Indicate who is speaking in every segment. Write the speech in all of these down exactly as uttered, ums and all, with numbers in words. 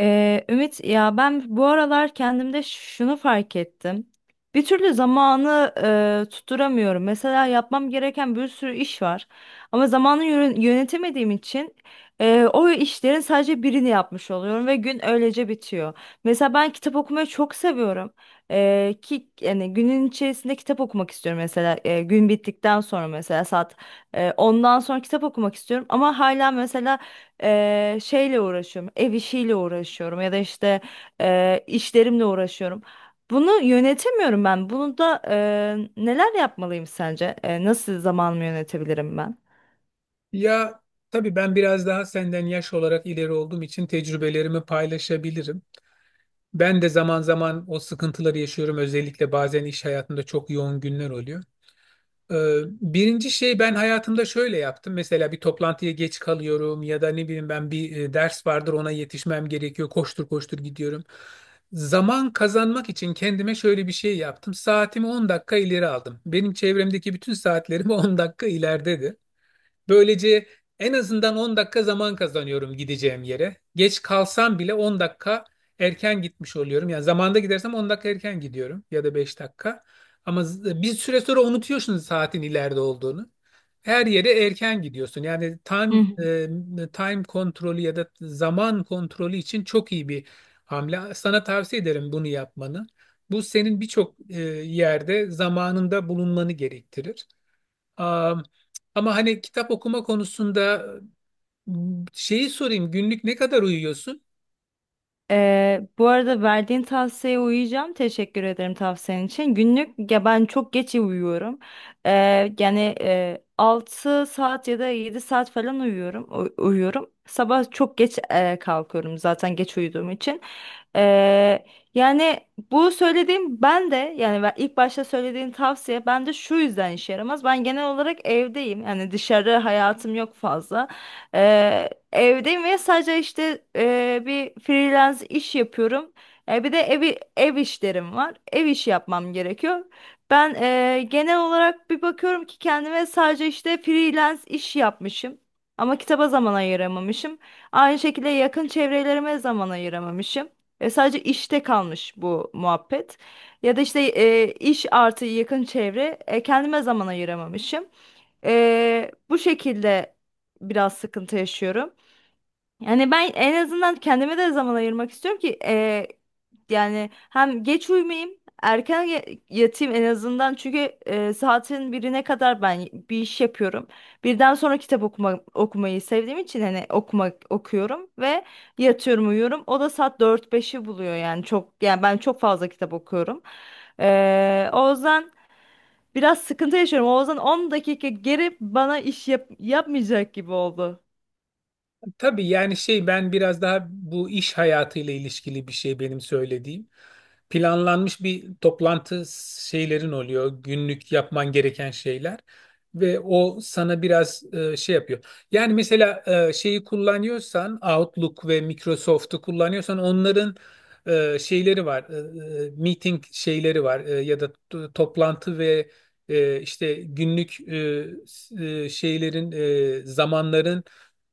Speaker 1: Ee, Ümit, ya ben bu aralar kendimde şunu fark ettim. Bir türlü zamanı e, tutturamıyorum. Mesela yapmam gereken bir sürü iş var. Ama zamanı yön- yönetemediğim için e, o işlerin sadece birini yapmış oluyorum ve gün öylece bitiyor. Mesela ben kitap okumayı çok seviyorum. Ee, ki yani günün içerisinde kitap okumak istiyorum, mesela e, gün bittikten sonra, mesela saat e, ondan sonra kitap okumak istiyorum ama hala mesela eee, şeyle uğraşıyorum, ev işiyle uğraşıyorum ya da işte eee, işlerimle uğraşıyorum. Bunu yönetemiyorum ben. Bunu da eee, neler yapmalıyım sence? Eee, nasıl zamanımı yönetebilirim ben?
Speaker 2: Ya tabii ben biraz daha senden yaş olarak ileri olduğum için tecrübelerimi paylaşabilirim. Ben de zaman zaman o sıkıntıları yaşıyorum. Özellikle bazen iş hayatında çok yoğun günler oluyor. Ee, Birinci şey ben hayatımda şöyle yaptım. Mesela bir toplantıya geç kalıyorum ya da ne bileyim ben bir e, ders vardır ona yetişmem gerekiyor. Koştur koştur gidiyorum. Zaman kazanmak için kendime şöyle bir şey yaptım. Saatimi on dakika ileri aldım. Benim çevremdeki bütün saatlerim on dakika ileride. Böylece en azından on dakika zaman kazanıyorum gideceğim yere. Geç kalsam bile on dakika erken gitmiş oluyorum. Yani zamanda gidersem on dakika erken gidiyorum ya da beş dakika. Ama z- bir süre sonra unutuyorsunuz saatin ileride olduğunu. Her yere erken gidiyorsun. Yani time
Speaker 1: Hı.
Speaker 2: e, time kontrolü ya da zaman kontrolü için çok iyi bir hamle. Sana tavsiye ederim bunu yapmanı. Bu senin birçok e, yerde zamanında bulunmanı gerektirir. Am, ama hani kitap okuma konusunda m, şeyi sorayım günlük ne kadar uyuyorsun?
Speaker 1: Ee, bu arada verdiğin tavsiyeye uyacağım. Teşekkür ederim tavsiyen için. Günlük ya ben çok geç uyuyorum. Ee, yani e, altı saat ya da yedi saat falan uyuyorum. u- uyuyorum. Sabah çok geç e, kalkıyorum zaten geç uyuduğum için. Ee, yani bu söylediğim ben de yani ben- ilk başta söylediğin tavsiye ben de şu yüzden işe yaramaz. Ben genel olarak evdeyim. Yani dışarı hayatım yok fazla. Ee, evdeyim ve sadece işte e, bir freelance iş yapıyorum. E, bir de evi, ev işlerim var. Ev işi yapmam gerekiyor. Ben e, genel olarak bir bakıyorum ki kendime sadece işte freelance iş yapmışım. Ama kitaba zaman ayıramamışım. Aynı şekilde yakın çevrelerime zaman ayıramamışım. E, sadece işte kalmış bu muhabbet. Ya da işte e, iş artı yakın çevre, e, kendime zaman ayıramamışım. Ee, bu şekilde biraz sıkıntı yaşıyorum. Yani ben en azından kendime de zaman ayırmak istiyorum ki ee, yani hem geç uyumayayım, erken ya- yatayım en azından, çünkü e, saatin birine kadar ben bir iş yapıyorum. Birden sonra kitap okuma, okumayı sevdiğim için hani okumak okuyorum ve yatıyorum, uyuyorum. O da saat dört beşi buluyor yani. Çok yani ben çok fazla kitap okuyorum. Ee, o yüzden biraz sıkıntı yaşıyorum. Oğuzhan on dakika geri bana iş yap yapmayacak gibi oldu.
Speaker 2: Tabii yani şey ben biraz daha bu iş hayatıyla ilişkili bir şey benim söylediğim. Planlanmış bir toplantı şeylerin oluyor. Günlük yapman gereken şeyler. Ve o sana biraz e, şey yapıyor. Yani mesela e, şeyi kullanıyorsan Outlook ve Microsoft'u kullanıyorsan onların e, şeyleri var. E, e, meeting şeyleri var. E, ya da t- toplantı ve e, işte günlük e, s- e, şeylerin e, zamanların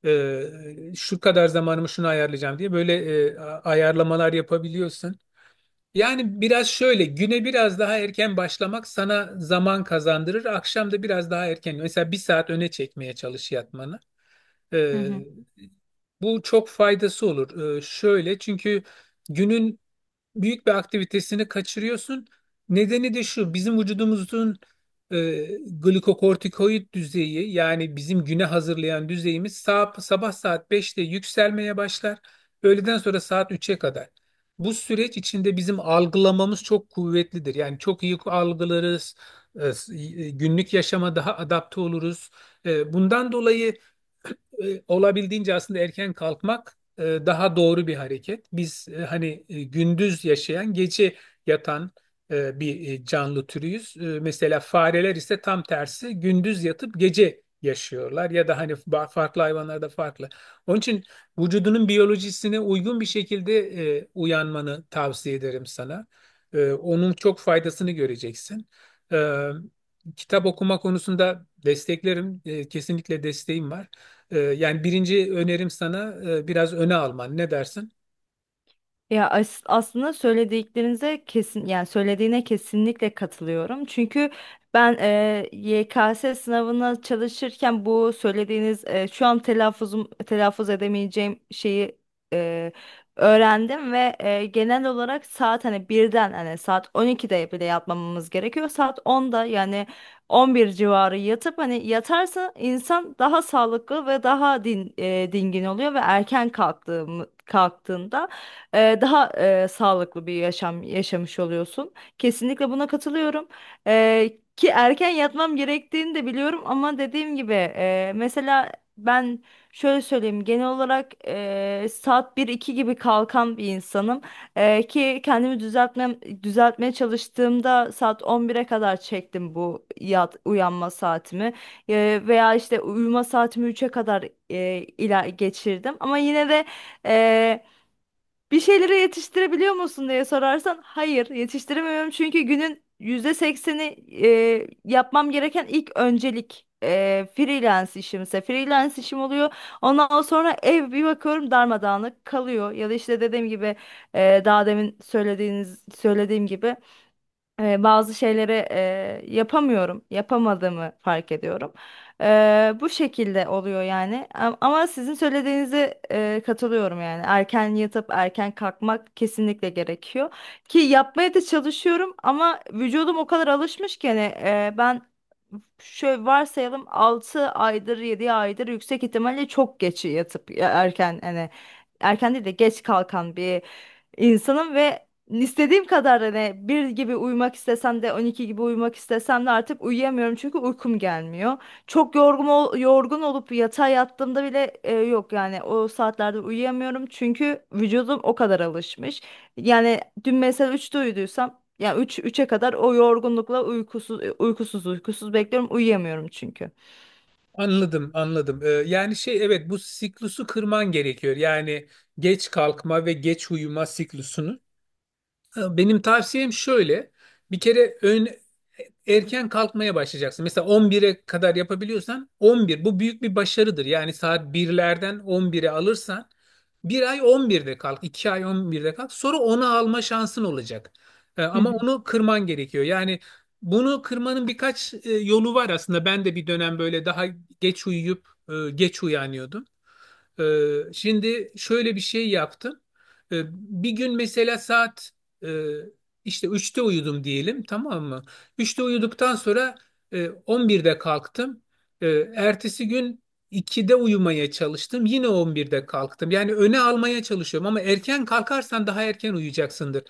Speaker 2: e, şu kadar zamanımı şunu ayarlayacağım diye böyle e, a- ayarlamalar yapabiliyorsun. Yani biraz şöyle güne biraz daha erken başlamak sana zaman kazandırır. Akşam da biraz daha erken mesela bir saat öne çekmeye çalış yatmanı.
Speaker 1: Hı
Speaker 2: E,
Speaker 1: hı.
Speaker 2: Bu çok faydası olur. E, şöyle çünkü günün büyük bir aktivitesini kaçırıyorsun. Nedeni de şu, bizim vücudumuzun e, glikokortikoid düzeyi yani bizim güne hazırlayan düzeyimiz sabah, sabah saat beşte yükselmeye başlar. Öğleden sonra saat üçe kadar. Bu süreç içinde bizim algılamamız çok kuvvetlidir. Yani çok iyi algılarız, e, s- e, günlük yaşama daha adapte oluruz. E, bundan dolayı e, olabildiğince aslında erken kalkmak e, daha doğru bir hareket. Biz e, hani e, gündüz yaşayan, gece yatan e, bir e, canlı türüyüz. E, Mesela fareler ise tam tersi gündüz yatıp gece yaşıyorlar ya da hani ba- farklı hayvanlarda farklı. Onun için vücudunun biyolojisine uygun bir şekilde e, uyanmanı tavsiye ederim sana. E, Onun çok faydasını göreceksin. E, Kitap okuma konusunda desteklerim. E, Kesinlikle desteğim var. Ee, yani birinci önerim sana e, biraz öne alman. Ne dersin?
Speaker 1: Ya, as- aslında söylediklerinize kesin, yani söylediğine kesinlikle katılıyorum. Çünkü ben e, Y K S sınavına çalışırken bu söylediğiniz e, şu an telaffuzum, telaffuz edemeyeceğim şeyi e, öğrendim ve e, genel olarak saat hani birden hani saat on ikide bile yatmamamız gerekiyor. Saat onda yani on bir civarı yatıp, hani yatarsa insan daha sağlıklı ve daha din, e, dingin oluyor ve erken kalktığım kalktığında e, daha e, sağlıklı bir yaşam yaşamış oluyorsun. Kesinlikle buna katılıyorum. E, ki erken yatmam gerektiğini de biliyorum, ama dediğim gibi e, mesela ben şöyle söyleyeyim, genel olarak e, saat bir iki gibi kalkan bir insanım. E, ki kendimi düzeltmem, düzeltmeye çalıştığımda saat on bire kadar çektim bu yat, uyanma saatimi. E, veya işte uyuma saatimi üçe kadar e, ila geçirdim. Ama yine de bir şeyleri yetiştirebiliyor musun diye sorarsan, hayır, yetiştiremiyorum, çünkü günün yüzde sekseni, e, yapmam gereken ilk öncelik e, freelance işimse freelance işim oluyor. Ondan sonra ev bir bakıyorum darmadağınık kalıyor, ya da işte dediğim gibi e, daha demin söylediğiniz söylediğim gibi e, bazı şeyleri e, yapamıyorum, yapamadığımı fark ediyorum. E, bu şekilde oluyor yani. A- Ama sizin söylediğinize e, katılıyorum yani. Erken yatıp erken kalkmak kesinlikle gerekiyor. Ki yapmaya da çalışıyorum, ama vücudum o kadar alışmış ki, hani e, ben şöyle varsayalım, altı aydır yedi aydır yüksek ihtimalle çok geç yatıp ya- erken hani erken değil de geç kalkan bir insanım ve İstediğim kadar hani bir gibi uyumak istesem de, on iki gibi uyumak istesem de artık uyuyamıyorum, çünkü uykum gelmiyor. Çok yorgun ol- yorgun olup yatağa yattığımda bile e, yok yani, o saatlerde uyuyamıyorum çünkü vücudum o kadar alışmış. Yani dün mesela üçte uyuduysam yani üç üçe kadar o yorgunlukla uykusuz uykusuz uykusuz bekliyorum, uyuyamıyorum çünkü.
Speaker 2: Anladım, anladım. Ee, yani şey evet bu siklusu kırman gerekiyor. Yani geç kalkma ve geç uyuma siklusunu. Benim tavsiyem şöyle. Bir kere ön, erken kalkmaya başlayacaksın. Mesela on bire kadar yapabiliyorsan on bir bu büyük bir başarıdır. Yani saat birlerden on bire alırsan bir ay on birde kalk, iki ay on birde kalk. Sonra ona alma şansın olacak. Ee,
Speaker 1: Hı
Speaker 2: ama
Speaker 1: hı.
Speaker 2: onu kırman gerekiyor. Yani bunu kırmanın birkaç e, yolu var aslında. Ben de bir dönem böyle daha geç uyuyup e, geç uyanıyordum. Ee, şimdi şöyle bir şey yaptım. Ee, bir gün mesela saat e, işte üçte uyudum diyelim, tamam mı? Üçte uyuduktan sonra e, on birde kalktım. E, Ertesi gün ikide uyumaya çalıştım. Yine on birde kalktım. Yani öne almaya çalışıyorum ama erken kalkarsan daha erken uyuyacaksındır.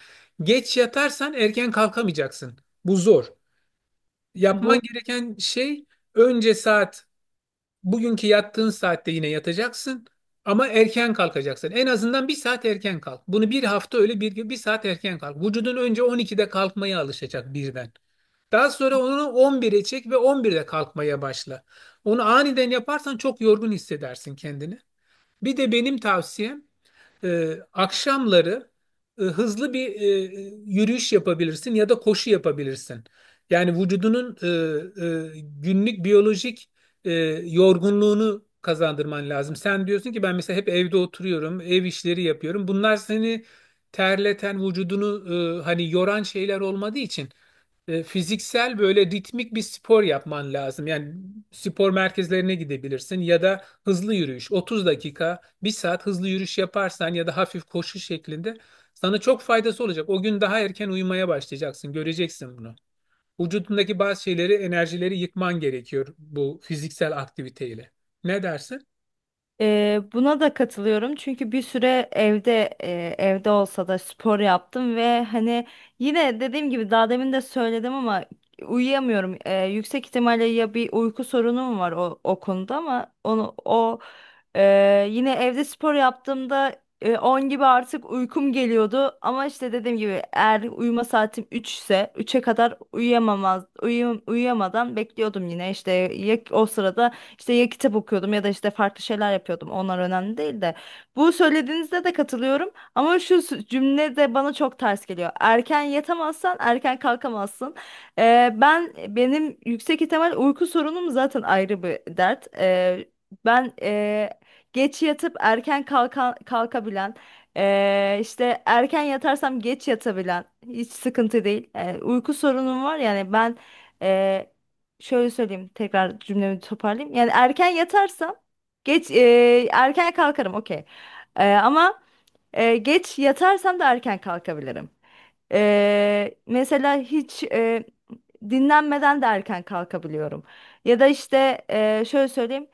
Speaker 2: Geç yatarsan erken kalkamayacaksın. Bu zor. Yapman
Speaker 1: Bu
Speaker 2: gereken şey önce saat bugünkü yattığın saatte yine yatacaksın ama erken kalkacaksın. En azından bir saat erken kalk. Bunu bir hafta öyle bir, bir saat erken kalk. Vücudun önce on ikide kalkmaya alışacak birden. Daha sonra onu on bire çek ve on birde kalkmaya başla. Onu aniden yaparsan çok yorgun hissedersin kendini. Bir de benim tavsiyem e, akşamları e, hızlı bir e, yürüyüş yapabilirsin ya da koşu yapabilirsin. Yani vücudunun e, e, günlük biyolojik e, yorgunluğunu kazandırman lazım. Sen diyorsun ki ben mesela hep evde oturuyorum, ev işleri yapıyorum. Bunlar seni terleten, vücudunu e, hani yoran şeyler olmadığı için e, fiziksel böyle ritmik bir spor yapman lazım. Yani spor merkezlerine gidebilirsin ya da hızlı yürüyüş. otuz dakika bir saat hızlı yürüyüş yaparsan ya da hafif koşu şeklinde sana çok faydası olacak. O gün daha erken uyumaya başlayacaksın. Göreceksin bunu. Vücudundaki bazı şeyleri, enerjileri yıkman gerekiyor bu fiziksel aktiviteyle. Ne dersin?
Speaker 1: Ee, buna da katılıyorum, çünkü bir süre evde, e, evde olsa da spor yaptım ve hani yine dediğim gibi daha demin de söyledim, ama uyuyamıyorum. Ee, yüksek ihtimalle ya bir uyku sorunum var o, o konuda, ama onu o e, yine evde spor yaptığımda e, on gibi artık uykum geliyordu, ama işte dediğim gibi eğer uyuma saatim üç ise üçe kadar uyuyamamaz uyuyam- uyuyamadan bekliyordum, yine işte ya o sırada işte ya kitap okuyordum ya da işte farklı şeyler yapıyordum. Onlar önemli değil de, bu söylediğinizde de katılıyorum, ama şu s- cümle de bana çok ters geliyor. Erken yatamazsan erken kalkamazsın. Ee, ben, benim yüksek ihtimal uyku sorunum zaten ayrı bir dert. Ee, ben e, geç yatıp erken kalka, kalkabilen, ee, işte erken yatarsam geç yatabilen, hiç sıkıntı değil. Ee, uyku sorunum var yani. Ben şöyle söyleyeyim, tekrar cümlemi toparlayayım. Yani erken yatarsam geç e, erken kalkarım, okey. E, ama e, geç yatarsam da erken kalkabilirim. E, mesela hiç e, dinlenmeden de erken kalkabiliyorum. Ya da işte e, şöyle söyleyeyim,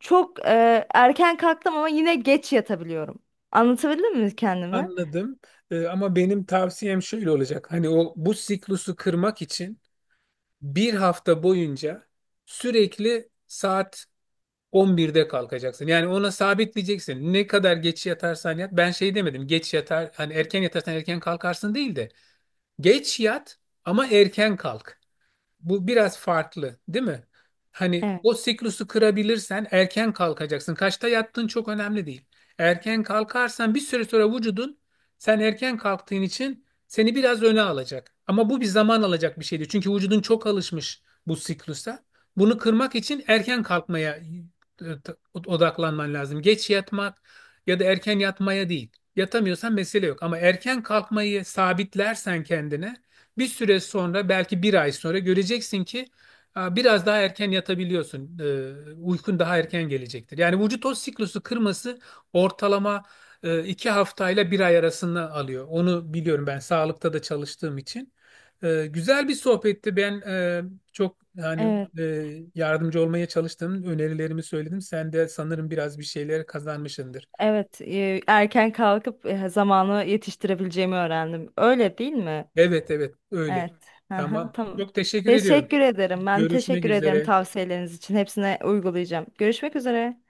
Speaker 1: çok e, erken kalktım ama yine geç yatabiliyorum. Anlatabildim mi kendimi?
Speaker 2: Anladım. Ee, ama benim tavsiyem şöyle olacak. Hani o bu siklusu kırmak için bir hafta boyunca sürekli saat on birde kalkacaksın. Yani ona sabitleyeceksin. Ne kadar geç yatarsan yat. Ben şey demedim. Geç yatar hani erken yatarsan erken kalkarsın değil de geç yat ama erken kalk. Bu biraz farklı, değil mi? Hani
Speaker 1: Evet,
Speaker 2: o siklusu kırabilirsen erken kalkacaksın. Kaçta yattığın çok önemli değil. Erken kalkarsan bir süre sonra vücudun sen erken kalktığın için seni biraz öne alacak. Ama bu bir zaman alacak bir şeydi. Çünkü vücudun çok alışmış bu siklusa. Bunu kırmak için erken kalkmaya e, t- odaklanman lazım. Geç yatmak ya da erken yatmaya değil. Yatamıyorsan mesele yok. Ama erken kalkmayı sabitlersen kendine bir süre sonra belki bir ay sonra göreceksin ki a, biraz daha erken yatabiliyorsun. E, Uykun daha erken gelecektir. Yani vücut o siklusu kırması ortalama e, iki haftayla bir ay arasında alıyor. Onu biliyorum ben sağlıkta da çalıştığım için. E, Güzel bir sohbetti. Ben e, çok hani
Speaker 1: evet,
Speaker 2: e, yardımcı olmaya çalıştım. Önerilerimi söyledim. Sen de sanırım biraz bir şeyler kazanmışsındır.
Speaker 1: evet. E, erken kalkıp e, zamanı yetiştirebileceğimi öğrendim. Öyle değil mi?
Speaker 2: Evet, evet, öyle.
Speaker 1: Evet. Hı hı,
Speaker 2: Tamam.
Speaker 1: tamam.
Speaker 2: Çok teşekkür ediyorum.
Speaker 1: Teşekkür ederim. Ben
Speaker 2: Görüşmek
Speaker 1: teşekkür ederim
Speaker 2: üzere.
Speaker 1: tavsiyeleriniz için. Hepsine uygulayacağım. Görüşmek üzere.